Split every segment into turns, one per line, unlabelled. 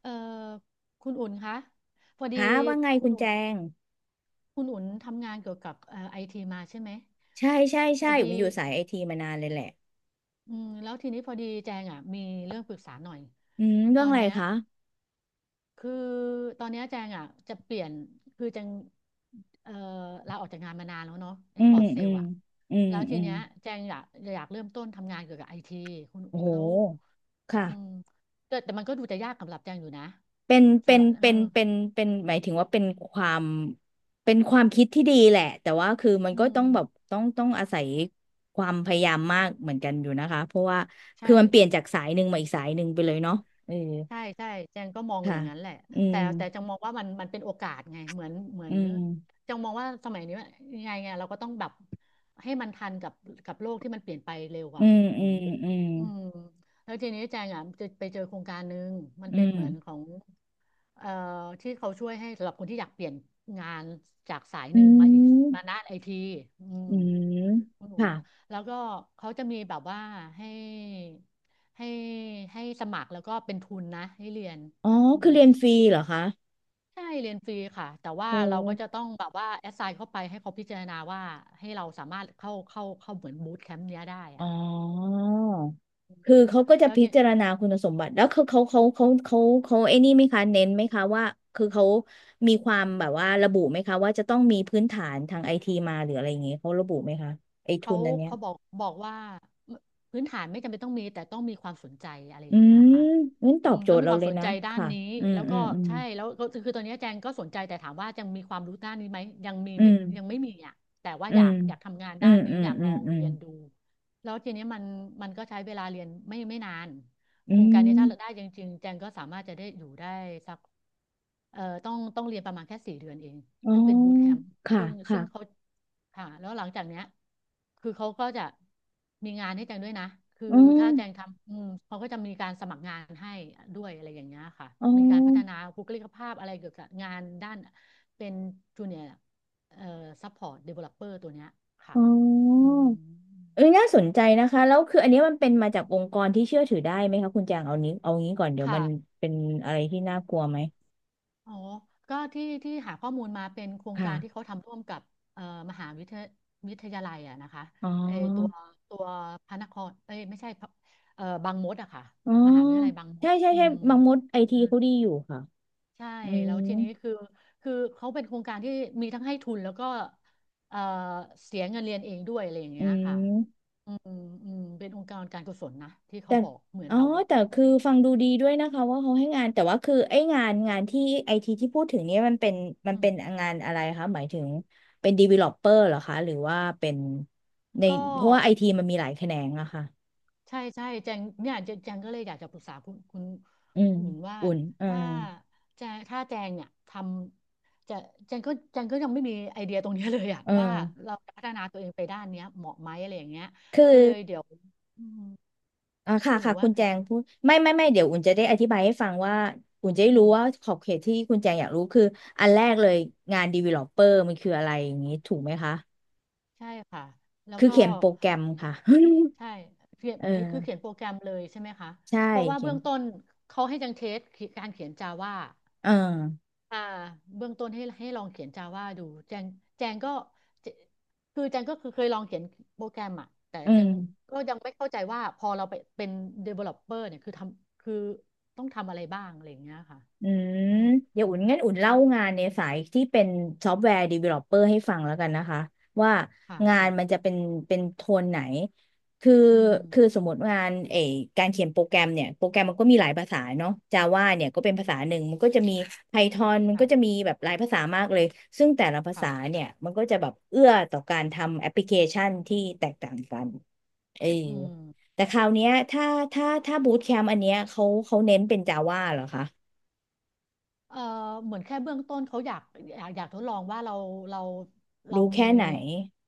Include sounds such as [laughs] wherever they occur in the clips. เอ่อคุณอุ่นคะพอดี
ฮะว่าไง
คุ
คุ
ณ
ณ
อุ่
แจ
น
ง
คุณอุ่นทำงานเกี่ยวกับไอทีมาใช่ไหม
ใช่ใช่
พ
ใช่
อ
ผ
ดี
มอยู่สายไอทีมานานเลยแหละ
อืมแล้วทีนี้พอดีแจงอ่ะมีเรื่องปรึกษาหน่อย
อืมเรื่
ต
อง
อน
อะไร
เนี้ย
คะ
คือตอนเนี้ยแจงอ่ะจะเปลี่ยนคือแจงเอ่อลาออกจากงานมานานแล้วเนาะเอ็
อื
กพอ
ม
ร์ตเซ
อื
ล
ม
อ่ะ
อืม
แล้วที
อืม
เนี้ยแจงอยากเริ่มต้นทำงานเกี่ยวกับไอทีคุณ
โอ้โห
แล้ว
ค่ะ
อืมแต่มันก็ดูจะยากสำหรับแจงอยู่นะ
เป็นเป็
สำห
น
รับ
เป็นเป็นเป็นหมายถึงว่าความเป็นความคิดที่ดีแหละแต่ว่าคือมัน
อื
ก็ต้องแบบ
ม
ต้องอาศัยความพยายามมากเหมือนกันอยู่นะคะเพราะว่าคือ
ใช่
มันเปลี่ยนจากสายหนึ่งมาอีกสายหนึ่งไปเลยเนาะเออ
ใช่ใช่แจงก็มองอ
ค่ะ
ย่างนั้นแหละ
อื
แต่
ม
แต่จังมองว่ามันเป็นโอกาสไงเหมือนเหมือ
อื
น
ม
จังมองว่าสมัยนี้ว่ายังไงเราก็ต้องแบบให้มันทันกับกับโลกที่มันเปลี่ยนไปเร็ว
อื
อ่ะ
ม
คุณ
อื
อุ่
ม
น
อืม
อืมแล้วทีนี้แจงอ่ะจะไปเจอโครงการหนึ่งมัน
อื
เป็น
ม
เหมือนของเอ่อที่เขาช่วยให้สำหรับคนที่อยากเปลี่ยนงานจากสาย
อื
หนึ่งมาอีกมาด้า
ม
นไอทีอืม
อืม
อุดหนุน
ค่ะ
แล้วก็เขาจะมีแบบว่าให้ให้ให้สมัครแล้วก็เป็นทุนนะให้เรียน
อ๋อ
อุดห
คือ
นุน
เรียน
สิบ
ฟรีเหรอคะ
ใช่เรียนฟรีค่ะแต่
โอ
ว่าเราก็จะ
้
ต้องแบบว่าแอสไซน์เข้าไปให้เขาพิจารณาว่าให้เราสามารถเข้าเหมือนบูตแคมป์เนี้ยได้
อ๋
อ่ะ
อ
อื
คือ
ม
เขาก็จะ
แล้ว
พิ
ที่
จารณาคุณสมบัติแล้วเขาเขาเขาเขาเขาเขาไอ้นี่ไหมคะเน้นไหมคะว่าคือเขามีความแบบว่าระบุไหมคะว่าจะต้องมีพื้นฐานทางไอทีมาหรืออะไรอย่างเงี้ยเขาระบุไหมคะไอทุ
เขา
นอันเนี้ย
เขาบอกว่าพื้นฐานไม่จำเป็นต้องมีแต่ต้องมีความสนใจอะไรอ
อื
ย่างเงี้ย
ม
ค่ะ
งั้นต
อื
อบ
ม
โจ
ต้อ
ท
ง
ย์
มี
เรา
ความ
เล
ส
ย
น
นะ
ใจด้าน
ค่ะ
นี้
อืม
แล้ว
อื
ก็
มอืม
ใช่แล้วก็คือตอนนี้แจงก็สนใจแต่ถามว่ายังมีความรู้ด้านนี้ไหมยังมี
อื
ไม่
ม
ยังไม่มีอ่ะแต่ว่า
อื
อยา
ม
กอยากทำงาน
อื
ด้า
ม
นนี้
อืม
อยาก
อื
ล
ม
อง
อืม
เรียนดูแล้วทีนี้มันมันก็ใช้เวลาเรียนไม่นาน
อื
โครงการนี้
ม
ถ้าเราได้จริงๆแจงก็สามารถจะได้อยู่ได้สัก ต้องเรียนประมาณแค่สี่เดือนเอง
อ๋อ
ซึ่งเป็นบูตแคมป์
ค่ะ
ซึ่ง
ค่ะ
ซึ่งเขาค่ะแล้วหลังจากเนี้ยคือเขาก็จะมีงานให้แจงด้วยนะคือ
อ๋อ
ถ้าแจงทำอืมเขาก็จะมีการสมัครงานให้ด้วยอะไรอย่างเงี้ยค่ะ
อ๋อ
มีการพัฒนาบุคลิกภาพอะไรเกี่ยวกับงานด้านเป็นจูเนียร์เอ่อซัพพอร์ตเดเวลลอปเปอร์ตัวเนี้ยค่ะ
อ๋
อื
อ
ม
เอ้ยน่าสนใจนะคะแล้วคืออันนี้มันเป็นมาจากองค์กรที่เชื่อถือได้ไหมคะคุณจางเอานี้เอางี้ก่อนเดี๋ยว
ค่ะ
มันเป็นอะไรที่น่ากลัวไหม
อ๋อก็ที่หาข้อมูลมาเป็นโครงการที่เขา
ค่ะ
ทำร่วมกับเอ่อมหาวิทยาวิทยาลัยอะนะคะ
อ๋อ
เออตัวพระนครเอ้ยไม่ใช่พระบางมดอะค่ะ
อ๋อ
มหาวิทยาลัยบางม
ใช่
ด
ใช่
อื
ใช่
ม
บางมดไอทีเขาดีอยู่ค่ะ
ใช่
อืม
แล้วทีนี้คือเขาเป็นโครงการที่มีทั้งให้ทุนแล้วก็เอ่อเสียเงินเรียนเองด้วยอะไรอย่าง
อื
เงี้ยค่ะ
ม
อืมอืมเป็นองค์กรการกุศลนะที่เขา
แต่
บอกเหมือน
อ๋อ
แบบว่า
แต่คือฟังดูดีด้วยนะคะว่าเขาให้งานแต่ว่าคือไองานงานที่ไอทีที่พูดถึงเนี้ยมันเป็นมัน
อื
เป็น
ม
งานอะไรคะหมายถึงเป็น developer เหรอคะหรือว่าเป็นใน
ก็
เพราะว่าไอทีมันมีหลายแขนงอะค่ะ
ใช่ใช่แจงเนี่ยแจงก็เลยอยากจะปรึกษาคุณ
อืม
อุ่นว่า
อุ่นเออ
ถ้าแจงถ้าแจงเนี่ยทำจะแจงก็ยังไม่มีไอเดียตรงเนี้ยเลยอะ
เออ
[laughs] ว่าเราจะพัฒนาตัวเองไปด้านเนี้ยเหมาะไหมอะไรอย่างเงี้ย
คือ
ก็เลยเดี๋ยวอืม
อ่าค่ะ
คุณหนู
ค่ะคุ
ว่า
ณแจ
ไง
งพูดไม่ไม่ไม่เดี๋ยวอุ่นจะได้อธิบายให้ฟังว่าอุ่นจะได้
อื
รู้
ม
ว่าขอบเขตที่คุณแจงอยากรู้คืออันแรกเลยงานดว d ลโอปเปอาร์มันคืออะไรอย่างนี้ถูกไหมคะ
ใช่ค่ะแล้ว
คือ
ก็
เขียนโปรแกรมค่ะ
ใช่เขีย
[laughs]
น
เออ
คือเขียนโปรแกรมเลยใช่ไหมคะ
ใช่
เพราะว่า
เขีย
เบื้
น
องต้นเขาให้แจังเทสการเขียนจาว่า
เออ
อ่าเบื้องต้นให้ลองเขียน Java ดูแจงแจงก็เจคือแจงก็คือเคยลองเขียนโปรแกรมอะแต่
อื
แจ
ม
งก็ยังไม่เข้าใจว่าพอเราไปเป็น developer เนี่ยคือต้องทำอะไรบ้างอะไรอย่างเงี้ยค่ะ
อืม
อืม
เดี๋ยวอุ่นงั้นอุ่น
อื
เล่า
ม
งานในสายที่เป็นซอฟต์แวร์ดีเวลลอปเปอร์ให้ฟังแล้วกันนะคะว่า
ค่ะ
งาน
ค่ะ
มันจะเป็นเป็นโทนไหนคือ
อืม
คือสมมติงานเออการเขียนโปรแกรมเนี่ยโปรแกรมมันก็มีหลายภาษาเนาะ Java เนี่ยก็เป็นภาษาหนึ่งมันก็จะมี
ค่ะ
Python มัน
ค่ะ
ก็จะมีแบบหลายภาษามากเลยซึ่งแต่ละภา
ค่ะ
ษาเนี่ยมันก็จะแบบเอื้อต่อการทำแอปพลิเคชันที่แตกต่างกันเออ
อืม
แต่คราวเนี้ยถ้าบูตแคมป์อันเนี้ยเขาเขาเน้นเป็น Java เหรอคะ
เอ่อเหมือนแค่เบื้องต้นเขาอยากทดลองว่าเราเรา
รู้
มี
แค่ไหน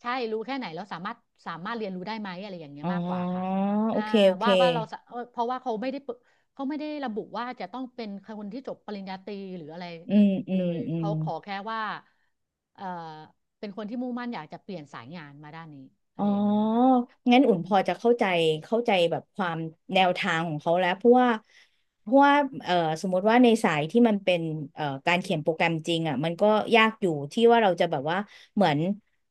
ใช่รู้แค่ไหนแล้วสามารถเรียนรู้ได้ไหมอะไรอย่างเงี้
อ๋
ย
อ
มากกว่าค่ะ
โอ
อ่า
เค โอเค
ว่าเราสะเพราะว่าเขาไม่ได้เปิเขาไม่ได้ระบุว่าจะต้องเป็นคนที่จบปริญญาตรีหรืออะไร
อืม อื
เล
ม
ย
อืม
เขาขอแค่ว่าเอ่อเป็นคนที่มุ่งมั่นอยากจะเปลี่ยนสายงานมาด้านนี้อะ
อ๋อ
ไรอย่างเงี้ยค่ะ
งั้น
อื
อุ่น
ม
พอจะเข้าใจเข้าใจแบบความแนวทางของเขาแล้วเพราะว่าเพราะว่าเอ่อสมมติว่าในสายที่มันเป็นการเขียนโปรแกรมจริงอ่ะมันก็ยากอยู่ที่ว่าเราจะแบบว่าเหมือน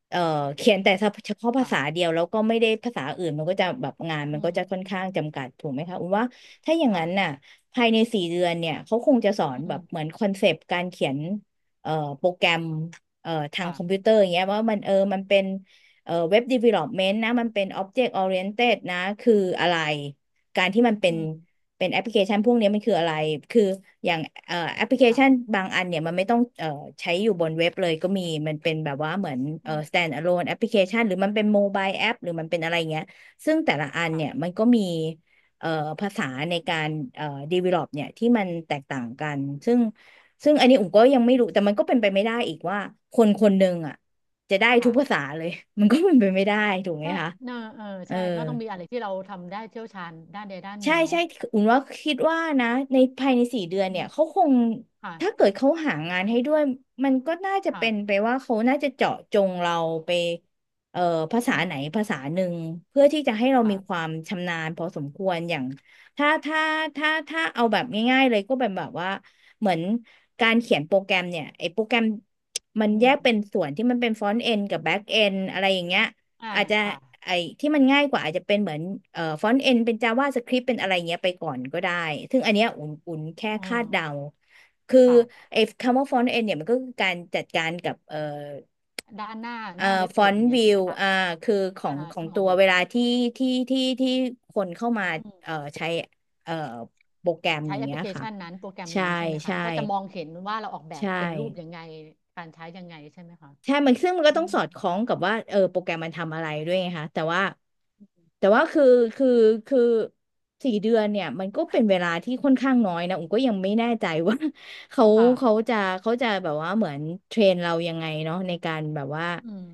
เอ่อเขียน
อื
แต่
ม
เฉพาะภา
ค่ะ
ษาเดียวแล้วก็ไม่ได้ภาษาอื่นมันก็จะแบบงานมั
อื
นก็จะ
ม
ค่อนข้างจำกัดถูกไหมคะอุ่นว่าถ้าอย่างนั้นน่ะ
ค่ะ
ภายในสี่เดือนเนี่ยเขาคงจะสอน
อื
แบบ
ม
เหมือนคอนเซปต์การเขียนเอ่อโปรแกรมทาง
ค่ะ
คอมพิวเตอร์อย่างเงี้ยว่ามันเออมันเป็น เว็บดีเวล็อปเมนต์นะมันเป็น Object Oriented นะคืออะไรการที่มันเป็
อื
น
ม
เป็นแอปพลิเคชันพวกนี้มันคืออะไรคืออย่างแอปพลิเคชัน
ค่ะ
บางอันเนี่ยมันไม่ต้องใช้อยู่บนเว็บเลยก็มีมันเป็นแบบว่าเหมือน
อืม
stand alone แอปพลิเคชันหรือมันเป็นโมบายแอปหรือมันเป็นอะไรเงี้ยซึ่งแต่ละอันเนี่ย
ค่ะ
มันก็มีเอ่อภาษาในการเอ่อ develop เนี่ยที่มันแตกต่างกันซึ่งซึ่งอันนี้อุ๋มก็ยังไม่
อื
รู้แต่มัน
ม
ก็เป็นไปไม่ได้อีกว่าคนคนหนึ่งอ่ะ จะได้ทุกภาษา
ค่ะ
เลย [laughs] มันก็เป็นไปไม่ได้ถูกไหม
ใช่
คะ
เนอะเออ
เออ
ใช่ก็ต้องมีอะไรที่เราทำได้เชี่ยวชาญด้านใดด้านหนึ่
ใช่
งเนาะ
ใช่อุ่นว่าคิดว่านะในภายในสี่เดือน
อื
เนี่
ม
ยเขาคง
ค่ะ
ถ้าเกิดเขาหางานให้ด้วย มันก็น่าจะ
ค่ะ
เป็นไปว่าเขาน่าจะเจาะจงเราไปเอ่อภาษา
อื
ไหน
ม
ภาษาหนึ่งเพื่อที่จะให้เรามีควา
ค่ะ
มชำนาญพอสมควรอย่างถ้าเอาแบบง่ายๆเลยก็เป็นแบบว่าเหมือนการเขียนโปรแกรมเนี่ยไอ้โปรแกรมมัน
อื
แย
ม
กเป็นส่วนที่มันเป็นฟรอนต์เอนกับแบ็กเอนอะไรอย่างเงี้ย
อ่า
อาจจะ
ค่ะ
ไอ้ที่มันง่ายกว่าอาจจะเป็นเหมือนฟอนต์เอ็นเป็น JavaScript เป็นอะไรเงี้ยไปก่อนก็ได้ซึ่งอันเนี้ยอุ่นแค่
เออ
คาดเดาคือ
ค่ะ
ไอ้คำว่าฟอนต์เอ็นเนี่ยมันก็คือการจัดการกับ
ด้านหน้า
เอ่
ห
อ
น้าเว็บ
ฟ
เพ
อ
จ
น
อ
ต์
ย่างเงี้ย
วิ
ใช่ไห
ว
มคะ
คือขอ
อ่า
งของ
ที่มอ
ตั
ง
ว
เห็น
เวลาที่คนเข้ามา
อืม
ใช้เอ่อโปรแกรมอ
ใช้
ย่าง
แอปพ
เงี้ย
ลิเค
ค่ะ
ชันนั้นโปรแกรม
ใช่
นั้นใช่ไหมคะ
ใช่
ก็จะมองเห็นว่าเราออกแบบ
ใช่
เป็นรูปยังไงการใช้ยังไงใช่ไหมคะ
ใช่มันซึ่งมันก็
อื
ต้อง
ม
สอดคล้องกับว่าเออโปรแกรมมันทำอะไรด้วยไงคะแต่ว่าแต่ว่าคือคือคือสี่เดือนเนี่ยมันก็เป็นเวลาที่ค่อนข้างน้อยนะอุ๋มก็ยังไม่แน่ใจว่า [laughs] เขา
ค่ะ
เขาจะเขาจะแบบว่าเหมือนเทรนเรายังไงเนาะในการแบบว่า
อืม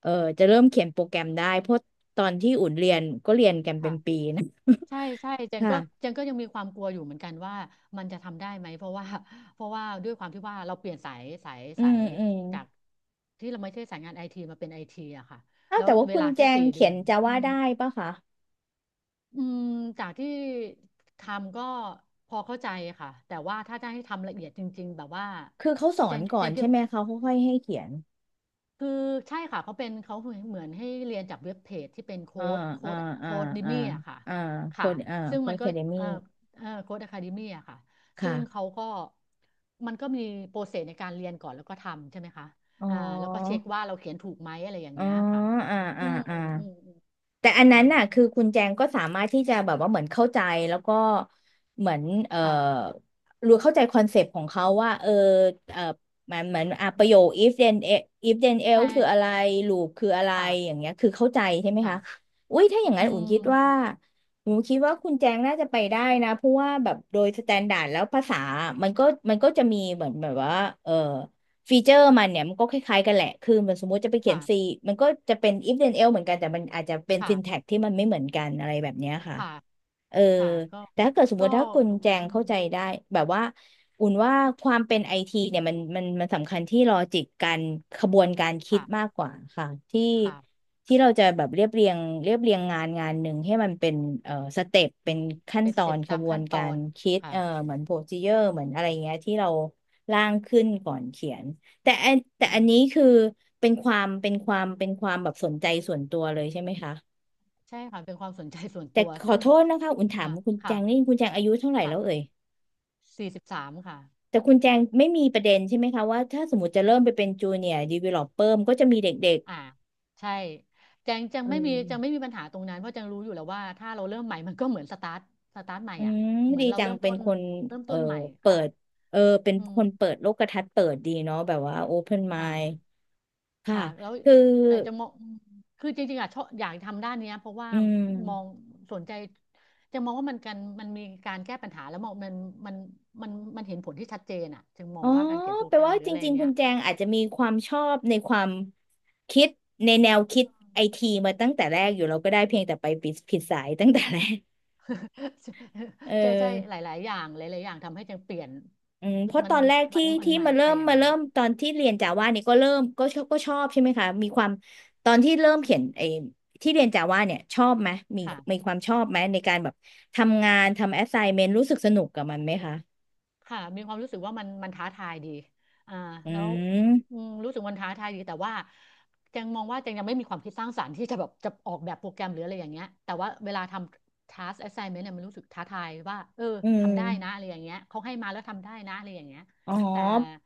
เออจะเริ่มเขียนโปรแกรมได้เพราะตอนที่อุ่นเรียนก็เรียนกันเป็
ค่ะ
นปีนะ
ใช่
[laughs]
ใช่เจน
ค่ะ
ก็เจนก็ยังมีความกลัวอยู่เหมือนกันว่ามันจะทำได้ไหมเพราะว่า [laughs] เพราะว่าด้วยความที่ว่าเราเปลี่ยนสายสาย
[laughs] อื
สา
ม
ย
อืม
จากที่เราไม่ใช่สายงานไอทีมาเป็นไอทีอะค่ะ
เอ้า
แล้ว
แต่ว่า
เว
คุณ
ลา
แจ
แค่
ง
สี่เดื
เขี
อ
ยน
น
จา
อื
ว่า
ม
ได้ปะคะ
อืมจากที่ทำก็พอเข้าใจค่ะแต่ว่าถ้าจะให้ทำละเอียดจริงๆแบบว่า
คือเขาสอ
เจ
น
น
ก่
เจ
อน
นคิ
ใช่
ด
ไหมเขาค่อยๆให้เขียน
คือใช่ค่ะเขาเหมือนให้เรียนจากเว็บเพจที่เป็น
อ่าอ่าอ่า
โค้ดดิ
อ่า
มี่อะค่ะ
อ่าโค
ค่ะ
น
ซึ่ง
โค
มั
น
น
แค
ก็
เดมี่
เอ่อโค้ดอะคาเดมี่อะค่ะซึ่
ค่ะ
งเขาก็มันก็มีโปรเซสในการเรียนก่อนแล้วก็ทำใช่ไหมคะ
อ๋อ
อ่าแล้วก็เช็คว่าเราเขียนถูกไหมอะไรอย่าง
อ๋อ
เงี้ยค่ะ
อ่า
อื
อ่า
ม
อ่า
อืมอืม
แต่อันนั้
ค่ะ
นน่ะคือคุณแจงก็สามารถที่จะแบบว่าเหมือนเข้าใจแล้วก็เหมือนเอ่อ
ค่ะ
รู้เข้าใจคอนเซปต์ของเขาว่าเออเอ่อมันเหมือนอ่ะ
อื
ประ
ม
โยค if then
ใช่
else คืออะไร loop คืออะไร
ค่ะ
อย่างเงี้ยคือเข้าใจใช่ไหมคะ
ค่ะ
อุ้ยถ้าอย่าง
อื
นั้น
ม
อุ่นคิดว่าคุณแจงน่าจะไปได้นะเพราะว่าแบบโดยสแตนดาร์ดแล้วภาษามันก็มันก็จะมีเหมือนแบบว่าเออ ฟีเจอร์มันเนี่ยมันก็คล้ายๆกันแหละ คือมันสมมุติจะไปเขียน
ค่ะ
C มันก็จะเป็น if then else เหมือนกัน แต่มันอาจจะเป็น
ค่ะ
syntax ที่มันไม่เหมือนกันอะไรแบบเนี้ยค่ะ
ค่ะ
เออ
ค่ะก็
แต่ถ้าเกิดสมมติ
ก็
ถ้าคุณแจง
อื
เข้า
ม
ใจได้แบบว่าอุ่นว่าความเป็นไอทีเนี่ยมันสำคัญที่ลอจิกการขบวนการคิดมาก
ค่ะ
กว่าค่ะที่
ค่ะ
ที่เราจะแบบเรียบเรียงงานหนึ่งให้มันเป็นสเต็ป
อื
เป็น
ม
ขั้น
เป็น
ต
ส
อ
เต็ป
นข
ตาม
บว
ขั้
น
นต
กา
อ
ร
น
คิด
ค่ะ
เหมือนโปรซีเจอร์
อื
เห
ม
มือนอะไรเงี้ยที่เราร่างขึ้นก่อนเขียนแต่อันนี้
อ่า
คือเป็นความแบบสนใจส่วนตัวเลยใช่ไหมคะ
ใช่ค่ะเป็นความสนใจส่วน
แต่
ตัว
ขอ
ซึ่ง
โทษนะคะอุ่นถาม
ค่ะ
คุณแจ
ค่ะ
งนี่คุณแจงอายุเท่าไหร่
ค่ะ
แล้วเอ่ย
43ค่ะ
แต่คุณแจงไม่มีประเด็นใช่ไหมคะว่าถ้าสมมติจะเริ่มไปเป็นจูเนียร์ดีเวลลอปเปอร์ก็จะมีเด็ก
อ่าใช่แจง
ๆเอ
จังไม่
อ
มีปัญหาตรงนั้นเพราะจังรู้อยู่แล้วว่าถ้าเราเริ่มใหม่มันก็เหมือนสตาร์ทใหม่
อื
อ่ะ
ม
เหมือ
ดี
นเรา
จัง
เริ่ม
เป็
ต้
น
น
คน
เริ่ม
เออ
ต้นใหม่
เปิ
ค่ะ
ดเออเป็น
อืม
คนเปิดโลกทัศน์เปิดดีเนาะแบบว่าโอเพนไมด์
ค่ะ
ค่ะ
ค่ะแล้ว
คือ
แต่จะมองคือจริงๆอ่ะชอบอยากทำด้านเนี้ยเพราะว่า
อืม
มองสนใจจะมองว่ามันกันมันมีการแก้ปัญหาแล้วมองมันมันมันเห็นผลที่ชัดเจนอ่ะจึงม
อ๋
อง
อ
ว่าการเขียนโปร
แปล
แกรม
ว่า
หรือ
จ
อะไร
ริงๆคุ
เนี้
ณ
ย
แจงอาจจะมีความชอบในความคิดในแนวคิดไอทีมาตั้งแต่แรกอยู่แล้วก็ได้เพียงแต่ไปผิดสายตั้งแต่แรก
[laughs]
เอ
ใช่ใช่
อ
หลายๆอย่างหลายๆอย่างทำให้จึงเปลี่ยน
อืมเพราะ
มั
ต
น
อนแรก
มั
ที่
นมัน
ที่
ไม่
มาเริ่
ไป
ม
อย่าง
มา
นั้น
เริ่มตอนที่เรียนจาว่าเนี่ยก็เริ่มก็ชอบใช่ไหมคะมีความตอนที่เริ่มเขียนไอ้ที่เรียนจาว่าเนี่ยชอบไหมมีมีค
ค่ะ
วามชอบไหมในการแบบทำงานทำแอส i ซเมนต์รู้สึกสนุกกับมันไหมคะ
ค่ะมีความรู้สึกว่ามันท้าทายดีอ่า
อื
แล้วอื
ม
มรู้สึกมันท้าทายดีแต่ว่าแจงมองว่าแจงยังไม่มีความคิดสร้างสรรค์ที่จะแบบจะออกแบบโปรแกรมหรืออะไรอย่างเงี้ยแต่ว่าเวลาทำ task assignment เนี่ยมันรู้สึกท้าทายว่าเออ
อืม
ทำได้นะอะไรอย่างเงี้ยเขาให้มาแล้วทำได้นะอะไรอย่างเงี้ย
อ๋อ
แต่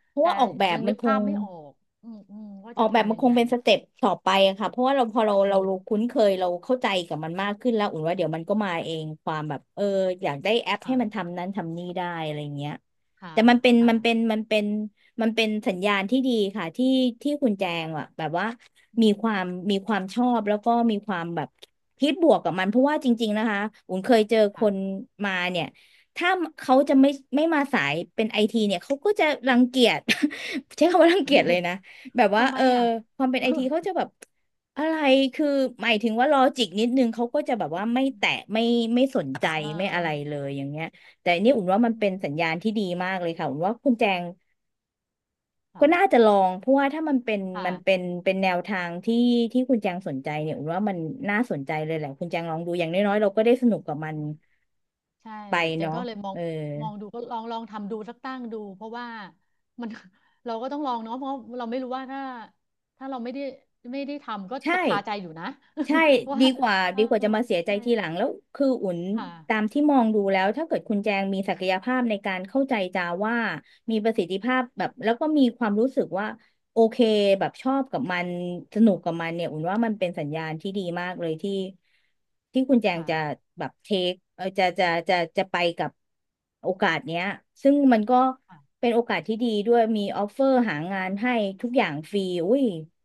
เพราะ
แต่
ว่าออกแบบ
ยัง
มั
นึ
น
ก
ค
ภา
ง
พไม่ออกว่า
ออ
จะ
กแบบมั
ทำ
น
ยั
ค
ง
ง
ไง
เป็นสเต็ปต่อไปอะค่ะเพราะว่าเราพอเรา
อื
เรา
ม
รู้คุ้นเคยเราเข้าใจกับมันมากขึ้นแล้วอุ่นว่าเดี๋ยวมันก็มาเองความแบบเอออยากได้แอปให้
ค่ะ
มันทำนั้นทำนี่ได้อะไรเงี้ย
ค่ะ
แต่
ค่ะ
มันเป็นสัญญาณที่ดีค่ะที่คุณแจงอะแบบว่า
อื
มี
ม
ความมีความชอบแล้วก็มีความแบบคิดบวกกับมันเพราะว่าจริงๆนะคะอุ่นเคยเจอคน
ค่ะ
มาเนี่ยถ้าเขาจะไม่มาสายเป็นไอทีเนี่ยเขาก็จะรังเกียจ [laughs] ใช้คำว่ารังเกียจเลยนะ แบบว่า
ทำไม
เออ
อ่ะ
ความเป็นไอที
[laughs]
เขาจะแบบอะไรคือหมายถึงว่าลอจิกนิดนึงเขาก็จะแบบว่าไม่แตะไม่สนใจ
เอ
ไม่อะไร
อ
เลยอย่างเงี้ยแต่อันนี่อุ่นว่ามัน
อื
เป็นสัญ
ม
ญาณที่ดีมากเลยค่ะอุ่นว่าคุณแจงก็
ค่ะ
น่าจะลองเพราะว่าถ้า
ค่ะ
มันเป็นเป็นแนวทางที่คุณแจงสนใจเนี่ยอุ่นว่ามันน่าสนใจเลยแหละคุณแจงลองดูอย่างน้อยๆเราก็ได้สนุกกับมัน
ใช่
ไป
จัง
เนาะ
ก็เลยมอ
เอ
ง
อ
มองดูก็ลองทำดูสักตั้งดูเพราะว่ามัน [laughs] เราก็ต้องลองเนาะเพราะเราไม่รู้ว่าถ้าถ้าเราไม่ได้ทำก็
ใช่
จะคาใจอยู่นะ
ใช่
[laughs] ว่าเออ
ดีกว่าจะมาเสียใจ
ใช่
ทีหลังแล้วคืออุ่น
ค่ะ
ตามที่มองดูแล้วถ้าเกิดคุณแจงมีศักยภาพในการเข้าใจจาว่ามีประสิทธิภาพแบบแล้วก็มีความรู้สึกว่าโอเคแบบชอบกับมันสนุกกับมันเนี่ยอุ่นว่ามันเป็นสัญญาณที่ดีมากเลยที่คุณแจง
ค่ะ
จะแบบเทคจะไปกับโอกาสเนี้ยซึ่งมันก็
ค่ะ
เป็นโอกาสที่ดีด้วยมีออฟเฟอร์หางานให้ทุกอย่างฟรีอุ้ย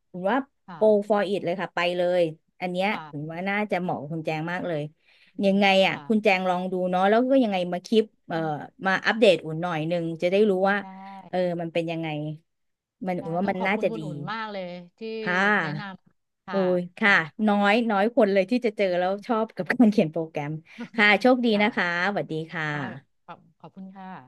ถึงว่าโก
ค่ะ
for it เลยค่ะไปเลยอันเนี้ยถึง
ค่ะ
ว่าน่าจะเหมาะกับคุณแจงมากเลย
อื
ยั
ม
งไงอ่ะ
ค่ะ
คุณแจงลองดูเนาะแล้วก็ยังไงมาคลิป
อืม
มาอัปเดตอุ่นหน่อยหนึ่งจะได้รู้ว่า
ได้
เออมันเป็นยังไงมันอุ่
ได้
นว่า
ต้อ
มั
ง
น
ขอบ
น่า
คุณ
จะ
คุณ
ดี
อุ่นมากเลยที่
ค่
แนะน
ะ
ำ
โอ้
ค่ะ
ยค่ะ
ค่ะ
น้อยน้อยคนเลยที่จะเจอแล้วชอบกับการเขียนโปรแกรมค่ะ
[laughs]
โชคดีนะคะ
ค่ะ
สวัสดีค่ะ
ค่ะขอบคุณค่ะ